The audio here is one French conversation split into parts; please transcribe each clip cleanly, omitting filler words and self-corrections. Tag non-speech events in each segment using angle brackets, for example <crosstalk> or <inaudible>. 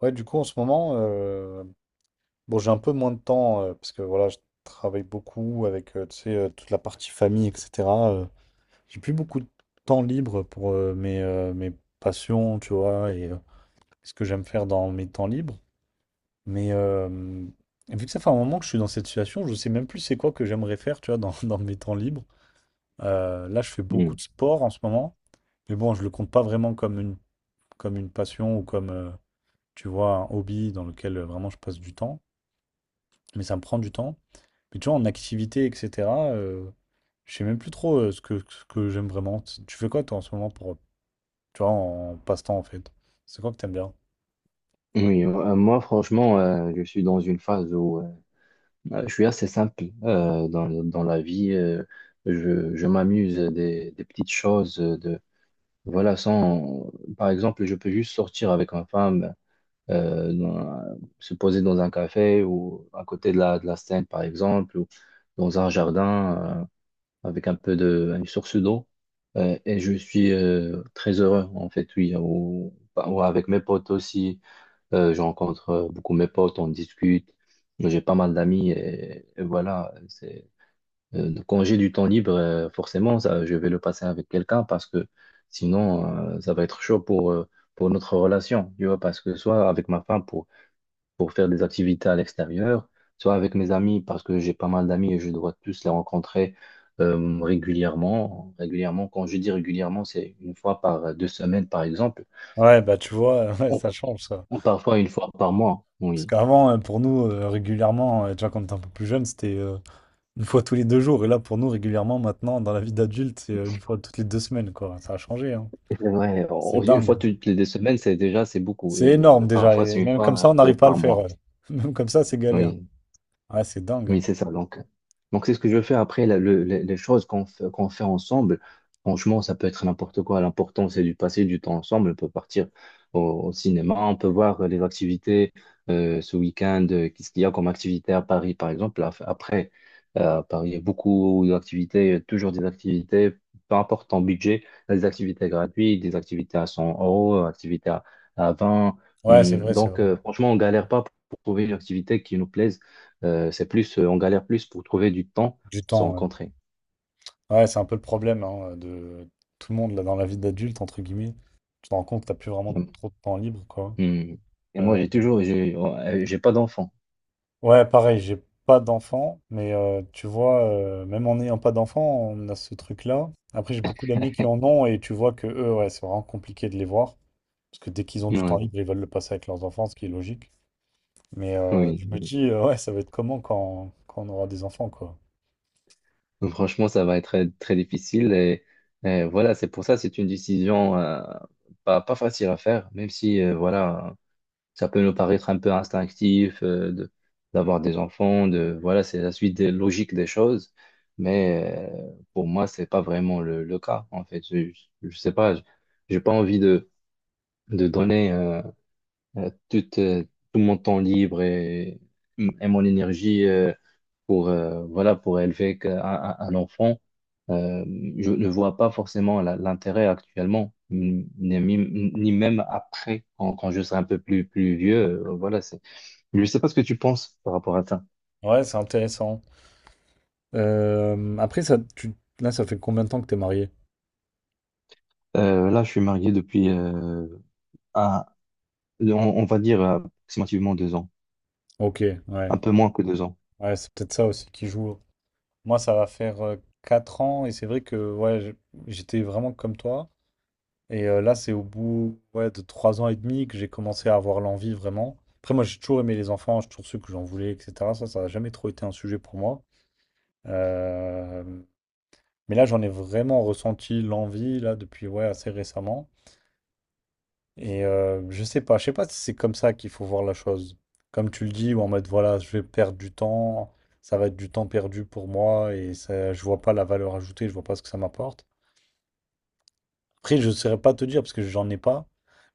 Ouais, du coup, en ce moment, bon, j'ai un peu moins de temps parce que voilà, je travaille beaucoup avec tu sais, toute la partie famille, etc. euh, j'ai plus beaucoup de temps libre pour mes passions, tu vois, et ce que j'aime faire dans mes temps libres. Mais vu que ça fait un moment que je suis dans cette situation, je sais même plus c'est quoi que j'aimerais faire, tu vois, dans, <laughs> dans mes temps libres. Là, je fais beaucoup Mm. de sport en ce moment, mais bon, je le compte pas vraiment comme une passion ou comme, tu vois, un hobby dans lequel vraiment je passe du temps. Mais ça me prend du temps. Mais tu vois, en activité, etc., je sais même plus trop ce que j'aime vraiment. Tu fais quoi, toi, en ce moment, pour, tu vois, en passe-temps, en fait? C'est quoi que t'aimes bien? Oui, moi franchement, je suis dans une phase où je suis assez simple dans, dans la vie. Je m'amuse des petites choses. De, voilà, sans, par exemple, je peux juste sortir avec ma femme, euh, dans- se poser dans un café ou à côté de la Seine, par exemple, ou dans un jardin avec un peu de une source d'eau. Et je suis très heureux, en fait, oui, ou avec mes potes aussi. Je rencontre beaucoup mes potes, on discute. J'ai pas mal d'amis et voilà. C'est, quand j'ai du temps libre, forcément, ça, je vais le passer avec quelqu'un parce que sinon, ça va être chaud pour notre relation. Tu vois, parce que soit avec ma femme pour faire des activités à l'extérieur, soit avec mes amis parce que j'ai pas mal d'amis et je dois tous les rencontrer régulièrement. Régulièrement, quand je dis régulièrement, c'est une fois par deux semaines, par exemple. Ouais, bah, tu vois, <laughs> ouais, On- ça change, ça. Parfois une fois par mois, Parce oui. qu'avant, pour nous, régulièrement, tu vois, quand on était un peu plus jeune, c'était une fois tous les 2 jours. Et là, pour nous, régulièrement, maintenant, dans la vie d'adulte, c'est une fois toutes les 2 semaines, quoi. Ça a changé, hein. C'est vrai, C'est une dingue, fois hein. toutes les deux semaines, c'est beaucoup. C'est énorme, déjà. Parfois, c'est Et une même comme fois ça, on n'arrive pas à le par faire. mois. Ouais. <laughs> Même comme ça, c'est galère. Oui. Ouais, c'est dingue, Oui, hein. c'est ça. Donc c'est ce que je fais après. Les choses qu'on fait ensemble, franchement, ça peut être n'importe quoi. L'important, c'est de passer du temps ensemble. On peut partir au, au cinéma, on peut voir les activités ce week-end. Qu'est-ce qu'il y a comme activité à Paris, par exemple? Après, à Paris, il y a beaucoup d'activités, toujours des activités, peu importe ton budget, il y a des activités gratuites, des activités à 100 euros, activités à 20. Ouais, c'est Hum. vrai, c'est Donc, vrai. Franchement, on galère pas pour trouver une activité qui nous plaise c'est plus, on galère plus pour trouver du temps Du pour se temps, ouais. rencontrer. Ouais, c'est un peu le problème, hein, de tout le monde là, dans la vie d'adulte, entre guillemets. Tu te rends compte que t'as plus vraiment Mm. trop de temps libre, quoi. Mm. Et moi, Euh, j'ai pas d'enfant. Ouais, pareil, j'ai pas d'enfant, mais tu vois, même en n'ayant pas d'enfant, on a ce truc-là. Après, j'ai beaucoup d'amis qui en ont et tu vois que eux, ouais, c'est vraiment compliqué de les voir. Parce que dès qu'ils ont du temps Ouais, libre, ils veulent le passer avec leurs enfants, ce qui est logique. Mais oui. je me dis, ouais, ça va être comment quand on aura des enfants, quoi. Donc, franchement, ça va être très, très difficile. Et voilà, c'est pour ça, c'est une décision pas facile à faire, même si, voilà, ça peut nous paraître un peu instinctif de, d'avoir des enfants, de, voilà, c'est la logique des choses. Mais pour moi, c'est pas vraiment le cas, en fait. Je, je sais pas, j'ai pas envie de donner. Toute, tout mon temps libre et mon énergie pour, voilà, pour élever un enfant. Euh, je ne vois pas forcément l'intérêt actuellement, ni même après, quand, quand je serai un peu plus, plus vieux. Voilà, c'est… Je ne sais pas ce que tu penses par rapport à ça. Ouais, c'est intéressant. Après, ça, là, ça fait combien de temps que t'es marié? Là, je suis marié depuis, un- on, on va dire, approximativement 2 ans, Ok, ouais. un peu moins que 2 ans. Ouais, c'est peut-être ça aussi qui joue. Moi, ça va faire 4 ans et c'est vrai que ouais, j'étais vraiment comme toi. Et là, c'est au bout ouais, de 3 ans et demi que j'ai commencé à avoir l'envie vraiment. Après, moi, j'ai toujours aimé les enfants, j'ai toujours su que j'en voulais, etc. Ça n'a jamais trop été un sujet pour moi. Euh, Mais là, j'en ai vraiment ressenti l'envie, là, depuis ouais, assez récemment. Et je sais pas si c'est comme ça qu'il faut voir la chose. Comme tu le dis, ou en mode, voilà, je vais perdre du temps, ça va être du temps perdu pour moi, et ça, je vois pas la valeur ajoutée, je vois pas ce que ça m'apporte. Après, je ne saurais pas te dire parce que j'en ai pas.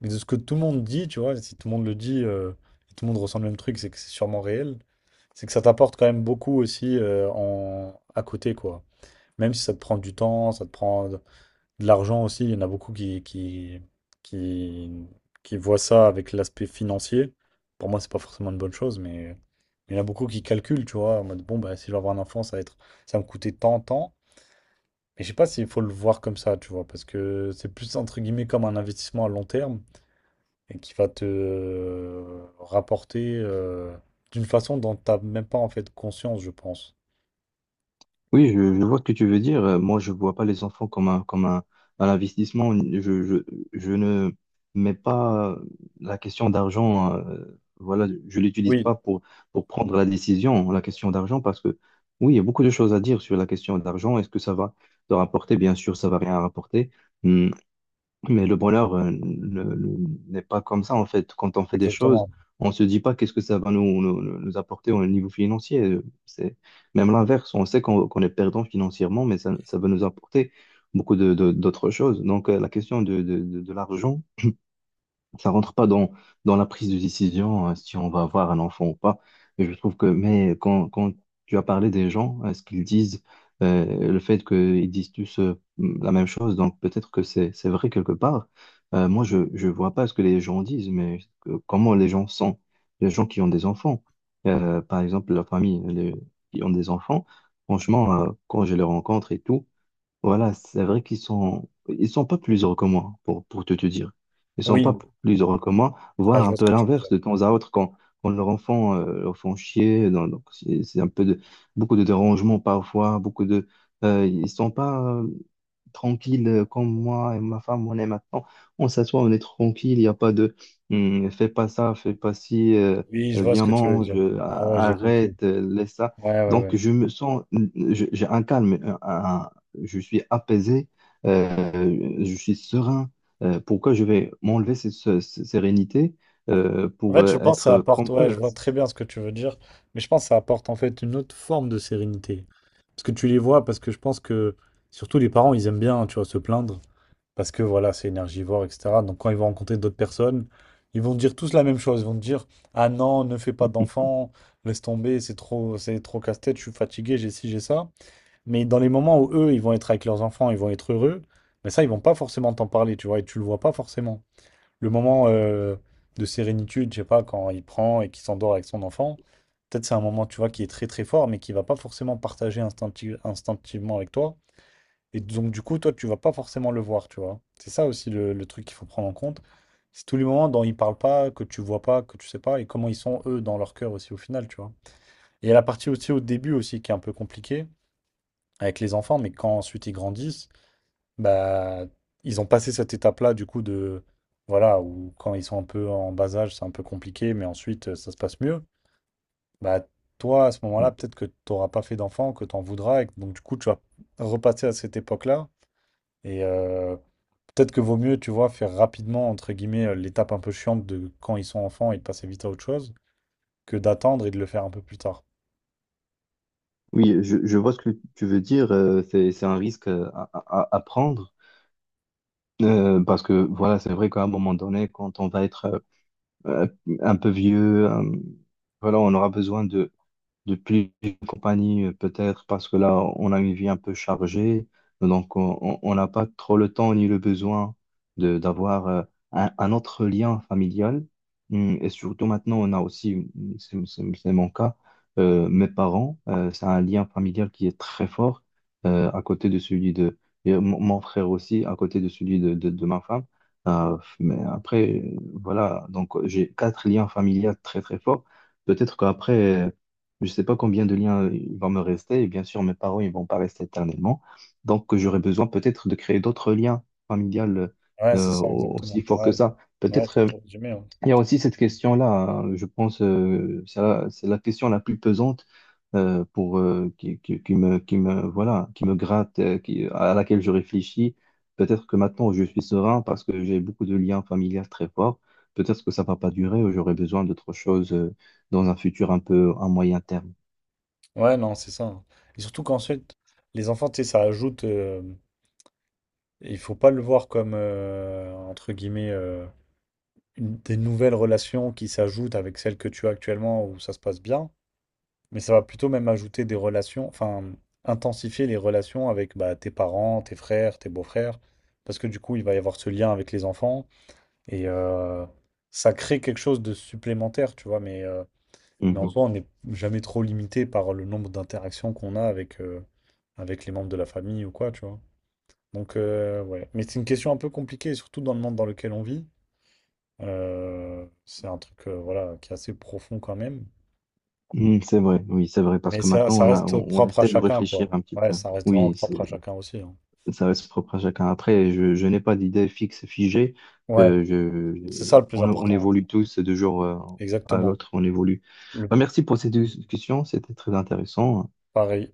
Mais de ce que tout le monde dit, tu vois, si tout le monde le dit, et tout le monde ressent le même truc, c'est que c'est sûrement réel. C'est que ça t'apporte quand même beaucoup aussi en... à côté, quoi. Même si ça te prend du temps, ça te prend de l'argent aussi. Il y en a beaucoup qui, qui voient ça avec l'aspect financier. Pour moi, c'est pas forcément une bonne chose, mais il y en a beaucoup qui calculent, tu vois, en mode bon, bah, si je veux avoir un enfant, ça va être... ça va me coûter tant, tant. Mais je sais pas s'il faut le voir comme ça, tu vois, parce que c'est plus entre guillemets comme un investissement à long terme et qui va te rapporter d'une façon dont t'as même pas en fait conscience, je pense. Oui, je vois ce que tu veux dire. Moi, je vois pas les enfants comme un, comme un investissement. Je ne mets pas la question d'argent, voilà, je l'utilise Oui, pas pour, pour prendre la décision, la question d'argent, parce que oui, il y a beaucoup de choses à dire sur la question d'argent. Est-ce que ça va te rapporter? Bien sûr, ça va rien rapporter. Hum, mais le bonheur n'est pas comme ça, en fait. Quand on fait des choses, exactement. on ne se dit pas qu'est-ce que ça va nous apporter au niveau financier. C'est même l'inverse. On sait qu'on est perdant financièrement, mais ça va nous apporter beaucoup d'autres choses. Donc, la question de l'argent, ça rentre pas dans, dans la prise de décision si on va avoir un enfant ou pas. Et je trouve que, mais quand, quand tu as parlé des gens, ce qu'ils disent, le fait qu'ils disent tous la même chose, donc peut-être que c'est vrai quelque part. Moi, je vois pas ce que les gens disent, mais comment les gens sont, les gens qui ont des enfants. Par exemple, la famille, qui ont des enfants, franchement, quand je les rencontre et tout, voilà, c'est vrai qu'ils sont, ils sont pas plus heureux que moi, pour, pour te dire. Ils sont Oui, pas plus heureux que moi, ah, voire je un vois ce peu que tu veux l'inverse dire. de temps à autre quand, quand leur enfant leur font chier. Donc c'est un peu de, beaucoup de dérangements parfois, ils sont pas tranquille comme moi et ma femme, on est maintenant. On s'assoit, on est tranquille, il n'y a pas de hum, fais pas ça, fais pas ci, Oui, je vois ce viens que tu veux mange, dire. Ah ouais, j'ai compris. arrête, laisse ça. Ouais, ouais, Donc ouais. je me sens, hmm, j'ai un calme, je suis apaisé, je suis serein. Pourquoi je vais m'enlever cette sérénité En pour fait, je pense que ça être apporte, comme ouais, je eux? vois très bien ce que tu veux dire, mais je pense que ça apporte en fait une autre forme de sérénité. Parce que tu les vois, parce que je pense que surtout les parents, ils aiment bien, tu vois, se plaindre. Parce que voilà, c'est énergivore, etc. Donc quand ils vont rencontrer d'autres personnes, ils vont dire tous la même chose. Ils vont te dire, ah non, ne fais pas d'enfant, laisse tomber, c'est trop casse-tête, je suis fatigué, j'ai ci, j'ai ça. Mais dans les moments où eux, ils vont être avec leurs enfants, ils vont être heureux, mais ça, ils vont pas forcément t'en parler, tu vois, et tu le vois pas forcément. Le moment de sérénitude, je sais pas, quand il prend et qu'il s'endort avec son enfant, peut-être c'est un moment, tu vois, qui est très très fort, mais qui va pas forcément partager instinctivement avec toi. Et donc, du coup, toi, tu vas pas forcément le voir, tu vois. C'est ça aussi le truc qu'il faut prendre en compte. C'est tous les moments dont ils parlent pas, que tu vois pas, que tu sais pas, et comment ils sont, eux, dans leur cœur aussi, au final, tu vois. Et il y a la partie aussi au début aussi qui est un peu compliquée avec les enfants, mais quand ensuite ils grandissent, bah, ils ont passé cette étape-là, du coup, de, voilà, où quand ils sont un peu en bas âge, c'est un peu compliqué, mais ensuite, ça se passe mieux. Bah, toi, à ce Hmm. moment-là, peut-être que tu n'auras pas fait d'enfant, que tu en voudras, et que donc, du coup, tu vas repasser à cette époque-là. Et peut-être que vaut mieux, tu vois, faire rapidement, entre guillemets, l'étape un peu chiante de quand ils sont enfants et de passer vite à autre chose, que d'attendre et de le faire un peu plus tard. Oui, je vois ce que tu veux dire. C'est un risque à prendre. Parce que voilà, c'est vrai qu'à un moment donné, quand on va être euh, un peu vieux, voilà, on aura besoin de, depuis une compagnie, peut-être parce que là, on a une vie un peu chargée, donc on n'a pas trop le temps ni le besoin de d'avoir un autre lien familial. Et surtout maintenant, on a aussi, c'est mon cas, mes parents, c'est un lien familial qui est très fort à côté de celui de et mon frère aussi, à côté de celui de ma femme. Mais après, voilà, donc j'ai 4 liens familiaux très très forts. Peut-être qu'après, je ne sais pas combien de liens il va me rester. Et bien sûr, mes parents, ils vont pas rester éternellement. Donc, j'aurai besoin peut-être de créer d'autres liens familiales Ouais, c'est ça, exactement. aussi forts que Ouais, ça. ouais, Peut-être, t'as t'as résumé, hein. il y a aussi cette question-là, hein, je pense, c'est la question la plus pesante pour qui me, voilà, qui me gratte, à laquelle je réfléchis. Peut-être que maintenant, je suis serein parce que j'ai beaucoup de liens familiaux très forts. Peut-être que ça va pas durer. J'aurai besoin d'autre chose dans un futur un peu à moyen terme. Ouais, non, c'est ça, hein. Et surtout qu'ensuite, les enfants, tu sais, ça ajoute. Il faut pas le voir comme, entre guillemets, des nouvelles relations qui s'ajoutent avec celles que tu as actuellement où ça se passe bien, mais ça va plutôt même ajouter des relations, enfin, intensifier les relations avec bah, tes parents, tes frères, tes beaux-frères, parce que du coup, il va y avoir ce lien avec les enfants et ça crée quelque chose de supplémentaire, tu vois, mais en Mhm. soi, on n'est jamais trop limité par le nombre d'interactions qu'on a avec les membres de la famille ou quoi, tu vois. Donc, ouais. Mais c'est une question un peu compliquée, surtout dans le monde dans lequel on vit. C'est un truc, voilà, qui est assez profond quand même. Mhm, c'est vrai, oui, c'est vrai, parce Mais que ça, maintenant ça on a, reste on, on propre à essaie de chacun, quoi. réfléchir un petit Ouais, peu. ça reste vraiment Oui, propre c'est, à chacun aussi, hein. ça reste propre à chacun. Après, je n'ai pas d'idée fixe, figée. Ouais, Euh, je, je- c'est ça le plus on important. évolue tous de jour à Exactement. l'autre, on évolue. Le Bah, merci pour cette discussion, c'était très intéressant. pareil.